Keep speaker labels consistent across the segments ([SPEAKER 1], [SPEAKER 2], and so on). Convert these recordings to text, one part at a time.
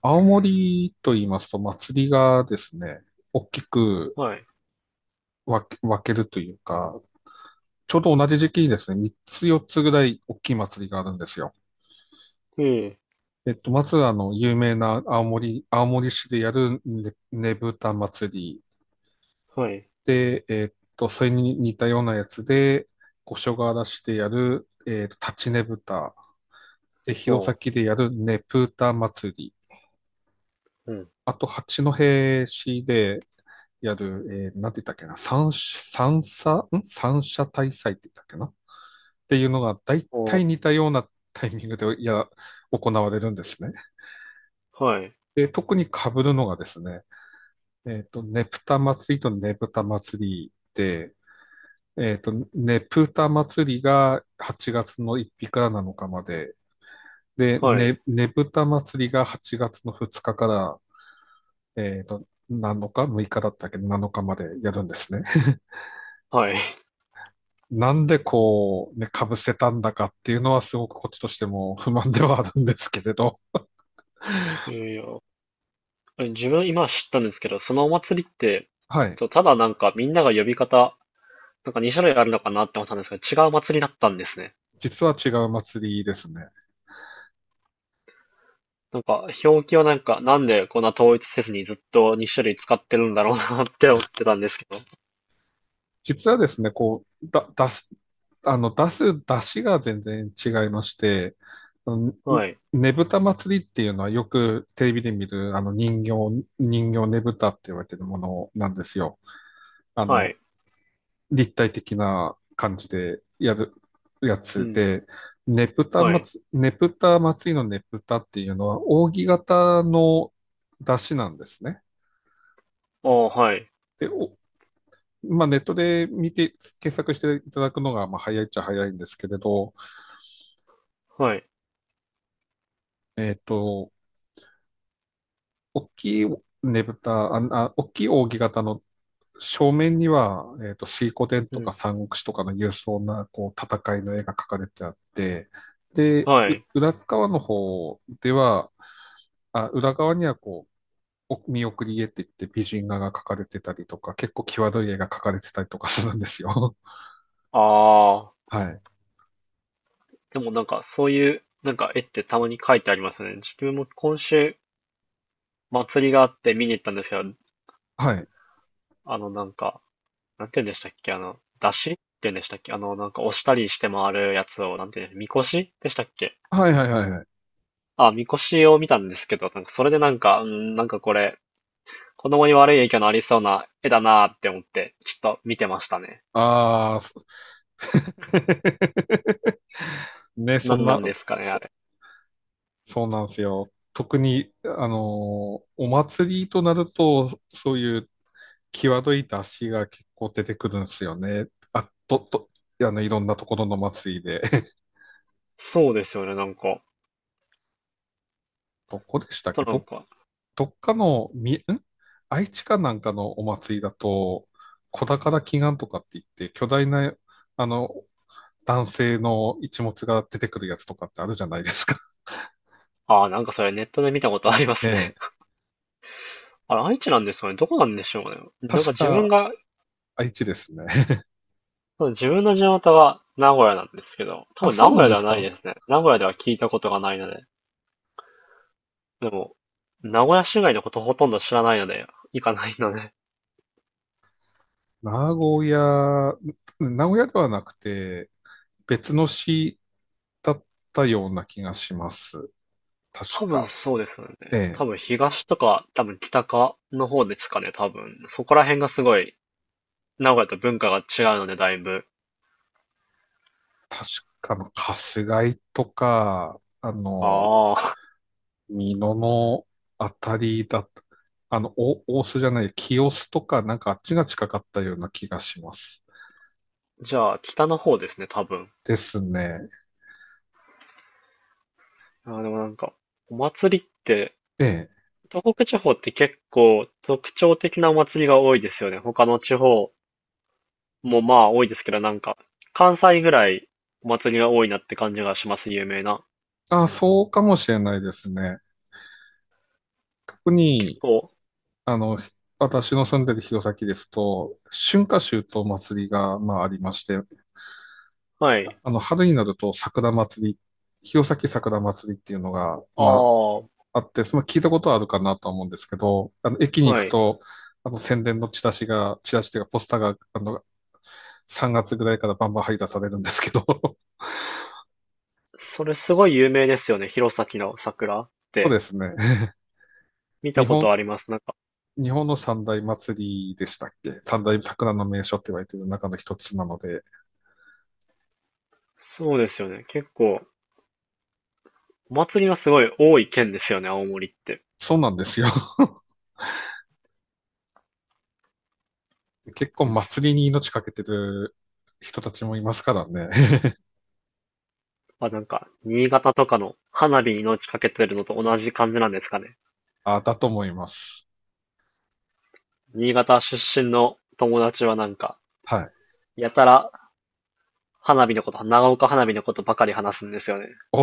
[SPEAKER 1] 青森と言いますと、祭りがですね、大きく
[SPEAKER 2] はい。
[SPEAKER 1] 分けるというか、ちょうど同じ時期にですね、3つ4つぐらい大きい祭りがあるんですよ。
[SPEAKER 2] ええ、
[SPEAKER 1] えっと、まず、あの、有名な青森市でやるねぶた祭り
[SPEAKER 2] はい。
[SPEAKER 1] で、それに似たようなやつで、五所川原市でやる、立ちねぶた、で、弘
[SPEAKER 2] おう、
[SPEAKER 1] 前でやるねぷた祭り、
[SPEAKER 2] うん。
[SPEAKER 1] あと、八戸市でやる、なんて言ったっけな、三者大祭って言ったっけなっていうのが、大
[SPEAKER 2] お
[SPEAKER 1] 体
[SPEAKER 2] う、
[SPEAKER 1] 似たようなタイミングで、いや、行われるんですね。
[SPEAKER 2] はい、
[SPEAKER 1] で、特に被るのがですね、ねぷた祭りとねぶた祭りで、ねぷた祭りが8月の1日から7日まで、で、
[SPEAKER 2] はい、
[SPEAKER 1] ねぶた祭りが8月の2日から、7日？ 6 日だったっけ？ 7 日までやるんですね。
[SPEAKER 2] はい。
[SPEAKER 1] なんでこう、ね、被せたんだかっていうのはすごくこっちとしても 不満ではあるんですけれど、
[SPEAKER 2] ええ、いや、あれ自分今知ったんですけど、そのお祭りって、
[SPEAKER 1] はい。
[SPEAKER 2] とただなんかみんなが呼び方、なんか2種類あるのかなって思ったんですけど、違う祭りだったんですね。
[SPEAKER 1] 実は違う祭りですね。
[SPEAKER 2] なんか表記はなんかなんでこんな統一せずにずっとに種類使ってるんだろうなって 思ってたんですけど。
[SPEAKER 1] 実はですね、こう、だ、出す、あの、出す出汁が全然違いまして、あのね
[SPEAKER 2] はい、
[SPEAKER 1] ねぶた祭りっていうのはよくテレビで見る人形ねぶたって言われてるものなんですよ。あ
[SPEAKER 2] は
[SPEAKER 1] の、
[SPEAKER 2] い、
[SPEAKER 1] 立体的な感じでやるや
[SPEAKER 2] う
[SPEAKER 1] つ
[SPEAKER 2] ん、
[SPEAKER 1] で、
[SPEAKER 2] はい。
[SPEAKER 1] ネプタ祭りのネプタっていうのは、扇形の出汁なんですね。
[SPEAKER 2] おーはい、
[SPEAKER 1] で、まあ、ネットで見て、検索していただくのが、まあ、早いっちゃ早いんですけれど、
[SPEAKER 2] はい、
[SPEAKER 1] えっと、大きいねぶた、あ、あ大きい扇形の正面には、水滸伝
[SPEAKER 2] う
[SPEAKER 1] とか
[SPEAKER 2] ん、
[SPEAKER 1] 三国志とかの勇壮な、こう、戦いの絵が描かれてあって、で、
[SPEAKER 2] は
[SPEAKER 1] う
[SPEAKER 2] い。
[SPEAKER 1] 裏側の方では、あ、裏側にはこう、お見送り絵って言って美人画が描かれてたりとか、結構際どい絵が描かれてたりとかするんですよ。
[SPEAKER 2] ああ。
[SPEAKER 1] はい。
[SPEAKER 2] でもなんかそういうなんか絵ってたまに描いてありますね。自分も今週祭りがあって見に行ったんですけど、
[SPEAKER 1] はい。
[SPEAKER 2] なんか、なんて言うんでしたっけ、出汁って言うんでしたっけ、なんか押したりして回るやつを、なんて言うんでみこしでしたっけ。
[SPEAKER 1] はいはいはいはい。
[SPEAKER 2] あ、みこしを見たんですけど、なんかそれでなんか、うん、なんかこれ、子供に悪い影響のありそうな絵だなーって思って、ちょっと見てましたね。
[SPEAKER 1] ああ、そ ね、そ
[SPEAKER 2] な
[SPEAKER 1] ん
[SPEAKER 2] んな
[SPEAKER 1] な、
[SPEAKER 2] んですかね、あ
[SPEAKER 1] そ、
[SPEAKER 2] れ。
[SPEAKER 1] そうなんですよ。特に、お祭りとなると、そういう際どい出しが結構出てくるんですよね。あ、と、と、あの、いろんなところの祭りで。
[SPEAKER 2] そうですよね、なんか。
[SPEAKER 1] どこでした
[SPEAKER 2] あ
[SPEAKER 1] っ
[SPEAKER 2] と
[SPEAKER 1] け
[SPEAKER 2] なん
[SPEAKER 1] ど、
[SPEAKER 2] か、
[SPEAKER 1] どっかの、み、ん愛知かなんかのお祭りだと、小宝祈願とかって言って、巨大な、あの、男性の一物が出てくるやつとかってあるじゃないですか。
[SPEAKER 2] ああ、なんかそれネットで見たことありま す
[SPEAKER 1] え
[SPEAKER 2] ね。
[SPEAKER 1] え。
[SPEAKER 2] あれ、愛知なんですかねどこなんでしょうね。なんか
[SPEAKER 1] 確
[SPEAKER 2] 自分
[SPEAKER 1] か、
[SPEAKER 2] が、
[SPEAKER 1] 愛知ですね。
[SPEAKER 2] そう自分の地元は名古屋なんですけど、多
[SPEAKER 1] あ、
[SPEAKER 2] 分
[SPEAKER 1] そ
[SPEAKER 2] 名
[SPEAKER 1] うな
[SPEAKER 2] 古
[SPEAKER 1] ん
[SPEAKER 2] 屋
[SPEAKER 1] で
[SPEAKER 2] では
[SPEAKER 1] す
[SPEAKER 2] ない
[SPEAKER 1] か。
[SPEAKER 2] ですね。名古屋では聞いたことがないので。でも、名古屋市外のことほとんど知らないので、行かないので。
[SPEAKER 1] 名古屋、名古屋ではなくて、別の市だったような気がします。確
[SPEAKER 2] 多分
[SPEAKER 1] か。
[SPEAKER 2] そうですよね。
[SPEAKER 1] え
[SPEAKER 2] 多分
[SPEAKER 1] え。
[SPEAKER 2] 東とか、多分北かの方ですかね、多分。そこら辺がすごい、名古屋と文化が違うので、だいぶ。
[SPEAKER 1] 確かの、春日井とか、
[SPEAKER 2] ああ。
[SPEAKER 1] 美濃のあたりだと、お大須じゃない、清須とか、なんかあっちが近かったような気がします。
[SPEAKER 2] じゃあ、北の方ですね、多分。
[SPEAKER 1] ですね。
[SPEAKER 2] あーでもなんか、お祭りって、
[SPEAKER 1] ええ。
[SPEAKER 2] 東北地方って結構特徴的なお祭りが多いですよね。他の地方もまあ多いですけど、なんか関西ぐらいお祭りが多いなって感じがします、有名な。
[SPEAKER 1] あ、そうかもしれないですね。特
[SPEAKER 2] 結
[SPEAKER 1] に、
[SPEAKER 2] 構、
[SPEAKER 1] あの、私の住んでる弘前ですと、春夏秋冬祭りが、まあ、ありまして、
[SPEAKER 2] はい。
[SPEAKER 1] 春になると桜祭り、弘前桜祭りっていうのが、
[SPEAKER 2] あ
[SPEAKER 1] ま
[SPEAKER 2] あ、
[SPEAKER 1] あ、あって、その聞いたことはあるかなとは思うんですけど、駅に行
[SPEAKER 2] は
[SPEAKER 1] く
[SPEAKER 2] い。
[SPEAKER 1] と、宣伝のチラシというかポスターが、3月ぐらいからバンバン配達されるんですけど、
[SPEAKER 2] それすごい有名ですよね。弘前の桜っ
[SPEAKER 1] そうで
[SPEAKER 2] て
[SPEAKER 1] すね。
[SPEAKER 2] 見た
[SPEAKER 1] 日
[SPEAKER 2] こと
[SPEAKER 1] 本、
[SPEAKER 2] あります。なんか、
[SPEAKER 1] 日本の三大祭りでしたっけ、三大桜の名所って言われてる中の一つなので、
[SPEAKER 2] そうですよね。結構、お祭りがすごい多い県ですよね、青森って。
[SPEAKER 1] そうなんですよ。結構
[SPEAKER 2] うん
[SPEAKER 1] 祭りに命かけてる人たちもいますからね。
[SPEAKER 2] あ、なんか、新潟とかの花火に命かけてるのと同じ感じなんですかね。
[SPEAKER 1] あ、だと思います。
[SPEAKER 2] 新潟出身の友達はなんか、
[SPEAKER 1] はい。
[SPEAKER 2] やたら花火のこと、長岡花火のことばかり話すんですよね。
[SPEAKER 1] お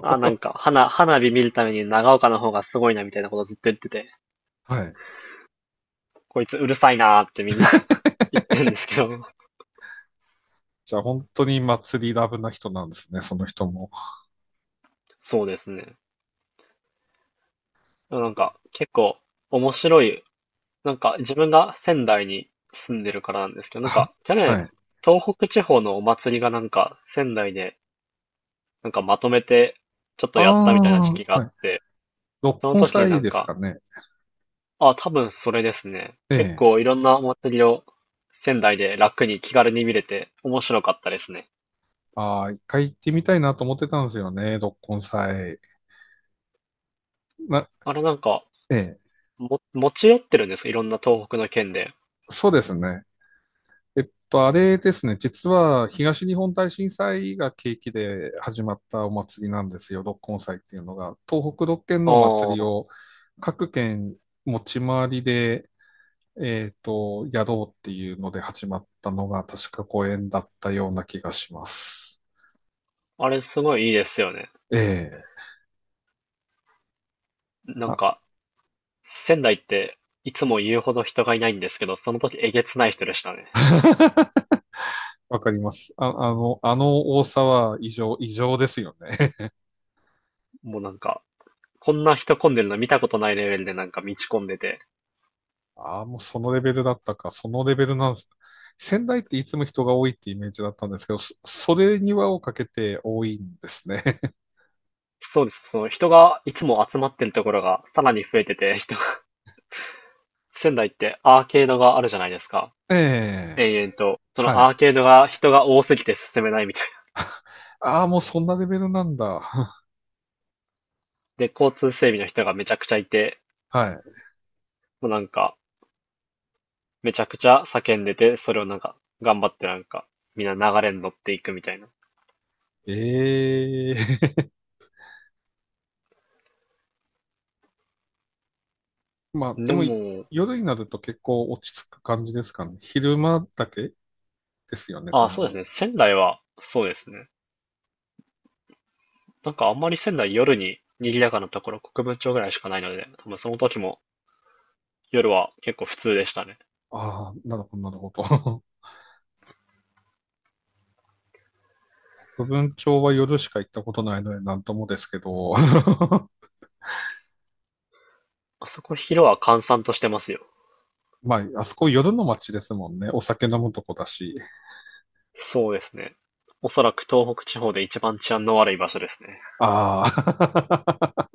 [SPEAKER 2] あ、なんか、花火見るために長岡の方がすごいなみたいなことずっと言ってて、
[SPEAKER 1] はい。
[SPEAKER 2] こいつうるさいなーってみんな 言ってるんですけど。
[SPEAKER 1] じゃあ本当に祭りラブな人なんですね、その人も。
[SPEAKER 2] そうですね。なんか、結構面白い。なんか、自分が仙台に住んでるからなんですけど、なん
[SPEAKER 1] は、
[SPEAKER 2] か、去年、
[SPEAKER 1] はい。
[SPEAKER 2] 東北地方のお祭りがなんか、仙台で、なんかまとめて、ちょっと
[SPEAKER 1] あ
[SPEAKER 2] やったみたいな
[SPEAKER 1] あ、
[SPEAKER 2] 時期があっ
[SPEAKER 1] はい。
[SPEAKER 2] て、
[SPEAKER 1] 六
[SPEAKER 2] その
[SPEAKER 1] 根
[SPEAKER 2] 時にな
[SPEAKER 1] 祭
[SPEAKER 2] ん
[SPEAKER 1] です
[SPEAKER 2] か、
[SPEAKER 1] かね。
[SPEAKER 2] あ、多分それですね。
[SPEAKER 1] え
[SPEAKER 2] 結
[SPEAKER 1] え。
[SPEAKER 2] 構いろんなお祭りを仙台で楽に気軽に見れて面白かったですね。
[SPEAKER 1] ああ、一回行ってみたいなと思ってたんですよね、六根祭。な、
[SPEAKER 2] あれなんか、
[SPEAKER 1] ええ。
[SPEAKER 2] 持ち寄ってるんですかいろんな東北の県で。
[SPEAKER 1] そうですね。あれですね。実は東日本大震災が契機で始まったお祭りなんですよ、六根祭っていうのが。東北6県のお祭り
[SPEAKER 2] あ
[SPEAKER 1] を各県持ち回りでやろうっていうので始まったのが確か公演だったような気がします。
[SPEAKER 2] あ、あれすごいいいですよね。
[SPEAKER 1] ええ、
[SPEAKER 2] なん
[SPEAKER 1] あ、
[SPEAKER 2] か、仙台っていつも言うほど人がいないんですけど、その時えげつない人でしたね。
[SPEAKER 1] わかります。あの多さは異常、異常ですよね。
[SPEAKER 2] もうなんか、こんな人混んでるの見たことないレベルでなんか道混んでて。
[SPEAKER 1] ああ、もうそのレベルだったか、そのレベルなんです。仙台っていつも人が多いってイメージだったんですけど、それに輪をかけて多いんですね。
[SPEAKER 2] そうです。その人がいつも集まってるところがさらに増えてて、人が、仙台ってアーケードがあるじゃないですか。
[SPEAKER 1] ええ、
[SPEAKER 2] 延々と、その
[SPEAKER 1] はい。
[SPEAKER 2] アーケードが人が多すぎて進めないみたいな。
[SPEAKER 1] ああ、もうそんなレベルなんだ。
[SPEAKER 2] で、交通整備の人がめちゃくちゃいて、
[SPEAKER 1] は
[SPEAKER 2] もうなんか、めちゃくちゃ叫んでて、それをなんか、頑張ってなんか、みんな流れに乗っていくみたいな。
[SPEAKER 1] い。ええ、まあ、で
[SPEAKER 2] で
[SPEAKER 1] も、
[SPEAKER 2] も、
[SPEAKER 1] 夜になると結構落ち着く感じですかね。昼間だけですよね、多
[SPEAKER 2] あ、そうです
[SPEAKER 1] 分。
[SPEAKER 2] ね。仙台は、そうですね。なんかあんまり仙台夜に賑やかなところ、国分町ぐらいしかないので、多分その時も夜は結構普通でしたね。
[SPEAKER 1] ああ、なるほど、なるほど。部分町は夜しか行ったことないのでなんともですけど。
[SPEAKER 2] あそこ昼は閑散としてますよ。
[SPEAKER 1] まあ、あそこ夜の街ですもんね。お酒飲むとこだし。
[SPEAKER 2] そうですね。おそらく東北地方で一番治安の悪い場所ですね。
[SPEAKER 1] ああ、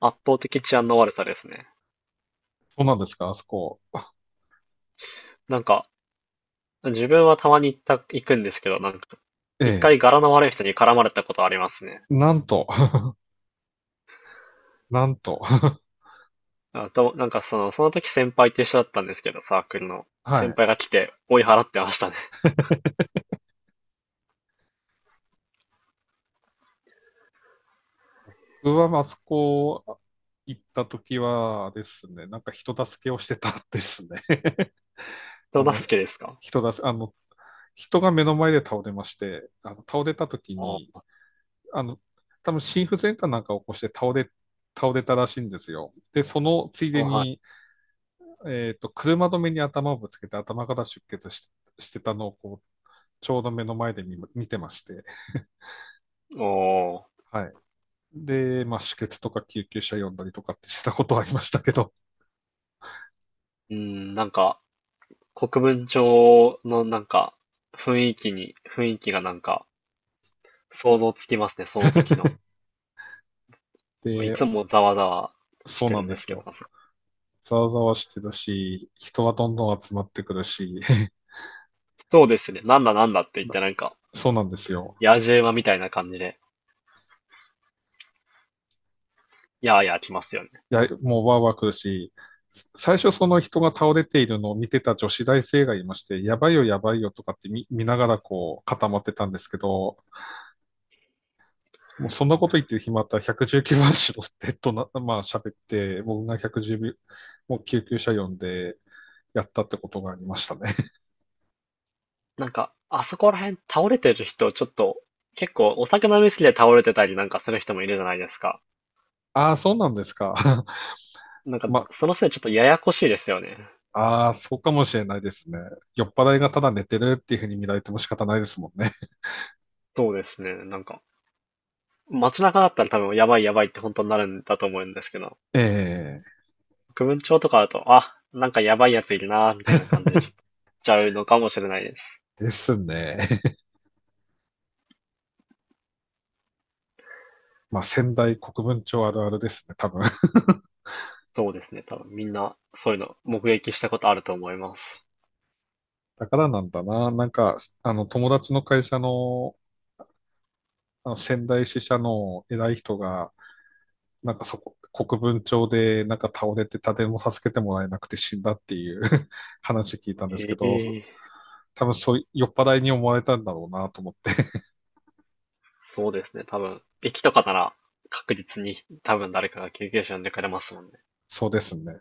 [SPEAKER 2] 圧倒的治安の悪さですね。
[SPEAKER 1] そうなんですか、あそこ。
[SPEAKER 2] なんか、自分はたまに行った、行くんですけど、なんか、
[SPEAKER 1] え
[SPEAKER 2] 一
[SPEAKER 1] え、
[SPEAKER 2] 回柄の悪い人に絡まれたことありますね。
[SPEAKER 1] なんと、なんと。
[SPEAKER 2] あと、なんかその時先輩と一緒だったんですけど、サークルの。
[SPEAKER 1] は
[SPEAKER 2] 先
[SPEAKER 1] い。
[SPEAKER 2] 輩が来て追い払ってましたね。
[SPEAKER 1] 僕はあそこ行った時はですね、なんか人助けをしてたですね。あ
[SPEAKER 2] 人
[SPEAKER 1] の、
[SPEAKER 2] 助けですか
[SPEAKER 1] 人だ、あの、人が目の前で倒れまして、倒れた時に、
[SPEAKER 2] あ
[SPEAKER 1] あの、多分心不全かなんかを起こして倒れたらしいんですよ。で、そのつい
[SPEAKER 2] あ、
[SPEAKER 1] で
[SPEAKER 2] は
[SPEAKER 1] に、
[SPEAKER 2] い。
[SPEAKER 1] 車止めに頭をぶつけて頭から出血してたのをこう、ちょうど目の前で見てまして、
[SPEAKER 2] おー。
[SPEAKER 1] はい。で、まあ、止血とか救急車呼んだりとかって したことはありましたけど、
[SPEAKER 2] うん、なんか、国分町のなんか、雰囲気がなんか、想像つきますね、その時の。まあい
[SPEAKER 1] で、
[SPEAKER 2] つもざわざわし
[SPEAKER 1] そう
[SPEAKER 2] て
[SPEAKER 1] な
[SPEAKER 2] る
[SPEAKER 1] ん
[SPEAKER 2] ん
[SPEAKER 1] で
[SPEAKER 2] です
[SPEAKER 1] す
[SPEAKER 2] けど、
[SPEAKER 1] よ。ざわざわしてるし、人はどんどん集まってくるし、
[SPEAKER 2] そうですね、なんだなんだって言っ
[SPEAKER 1] な
[SPEAKER 2] てなんか、
[SPEAKER 1] そうなんですよ。
[SPEAKER 2] 野次馬みたいな感じで、やーやー来ますよね。
[SPEAKER 1] いや、もうわーわー来るし、最初その人が倒れているのを見てた女子大生がいまして、やばいよやばいよとかって見ながらこう固まってたんですけど、もうそんなこと言ってる暇あったら119番しろってとな、まあ喋って、僕が110秒、もう救急車呼んでやったってことがありましたね。
[SPEAKER 2] なんか、あそこら辺倒れてる人、ちょっと、結構お酒飲みすぎて倒れてたりなんかする人もいるじゃないですか。
[SPEAKER 1] ああ、そうなんですか。
[SPEAKER 2] なんか、
[SPEAKER 1] まあ、
[SPEAKER 2] そのせいでちょっとややこしいですよね。
[SPEAKER 1] ああ、そうかもしれないですね。酔っ払いがただ寝てるっていうふうに見られても仕方ないですもんね。
[SPEAKER 2] そうですね。なんか、街中だったら多分やばいやばいって本当になるんだと思うんですけど、
[SPEAKER 1] ええ、
[SPEAKER 2] 区分庁とかだと、あ、なんかやばいやついるなーみたいな感じでちょっと、ちゃうのかもしれないです。
[SPEAKER 1] ですね。まあ、仙台国分町あるあるですね、多分。
[SPEAKER 2] そうですね。多分みんなそういうの目撃したことあると思います。
[SPEAKER 1] だからなんだな。なんか、友達の会社の、あの仙台支社の偉い人が、なんかそこ、国分町でなんか倒れて誰も助けてもらえなくて死んだっていう 話聞いたんですけ
[SPEAKER 2] え
[SPEAKER 1] ど、
[SPEAKER 2] え
[SPEAKER 1] 多分そう、酔っ払いに思われたんだろうなと思って。
[SPEAKER 2] そうですね、多分。駅とかなら確実に多分誰かが救急車呼んでくれますもんね。
[SPEAKER 1] そうですね。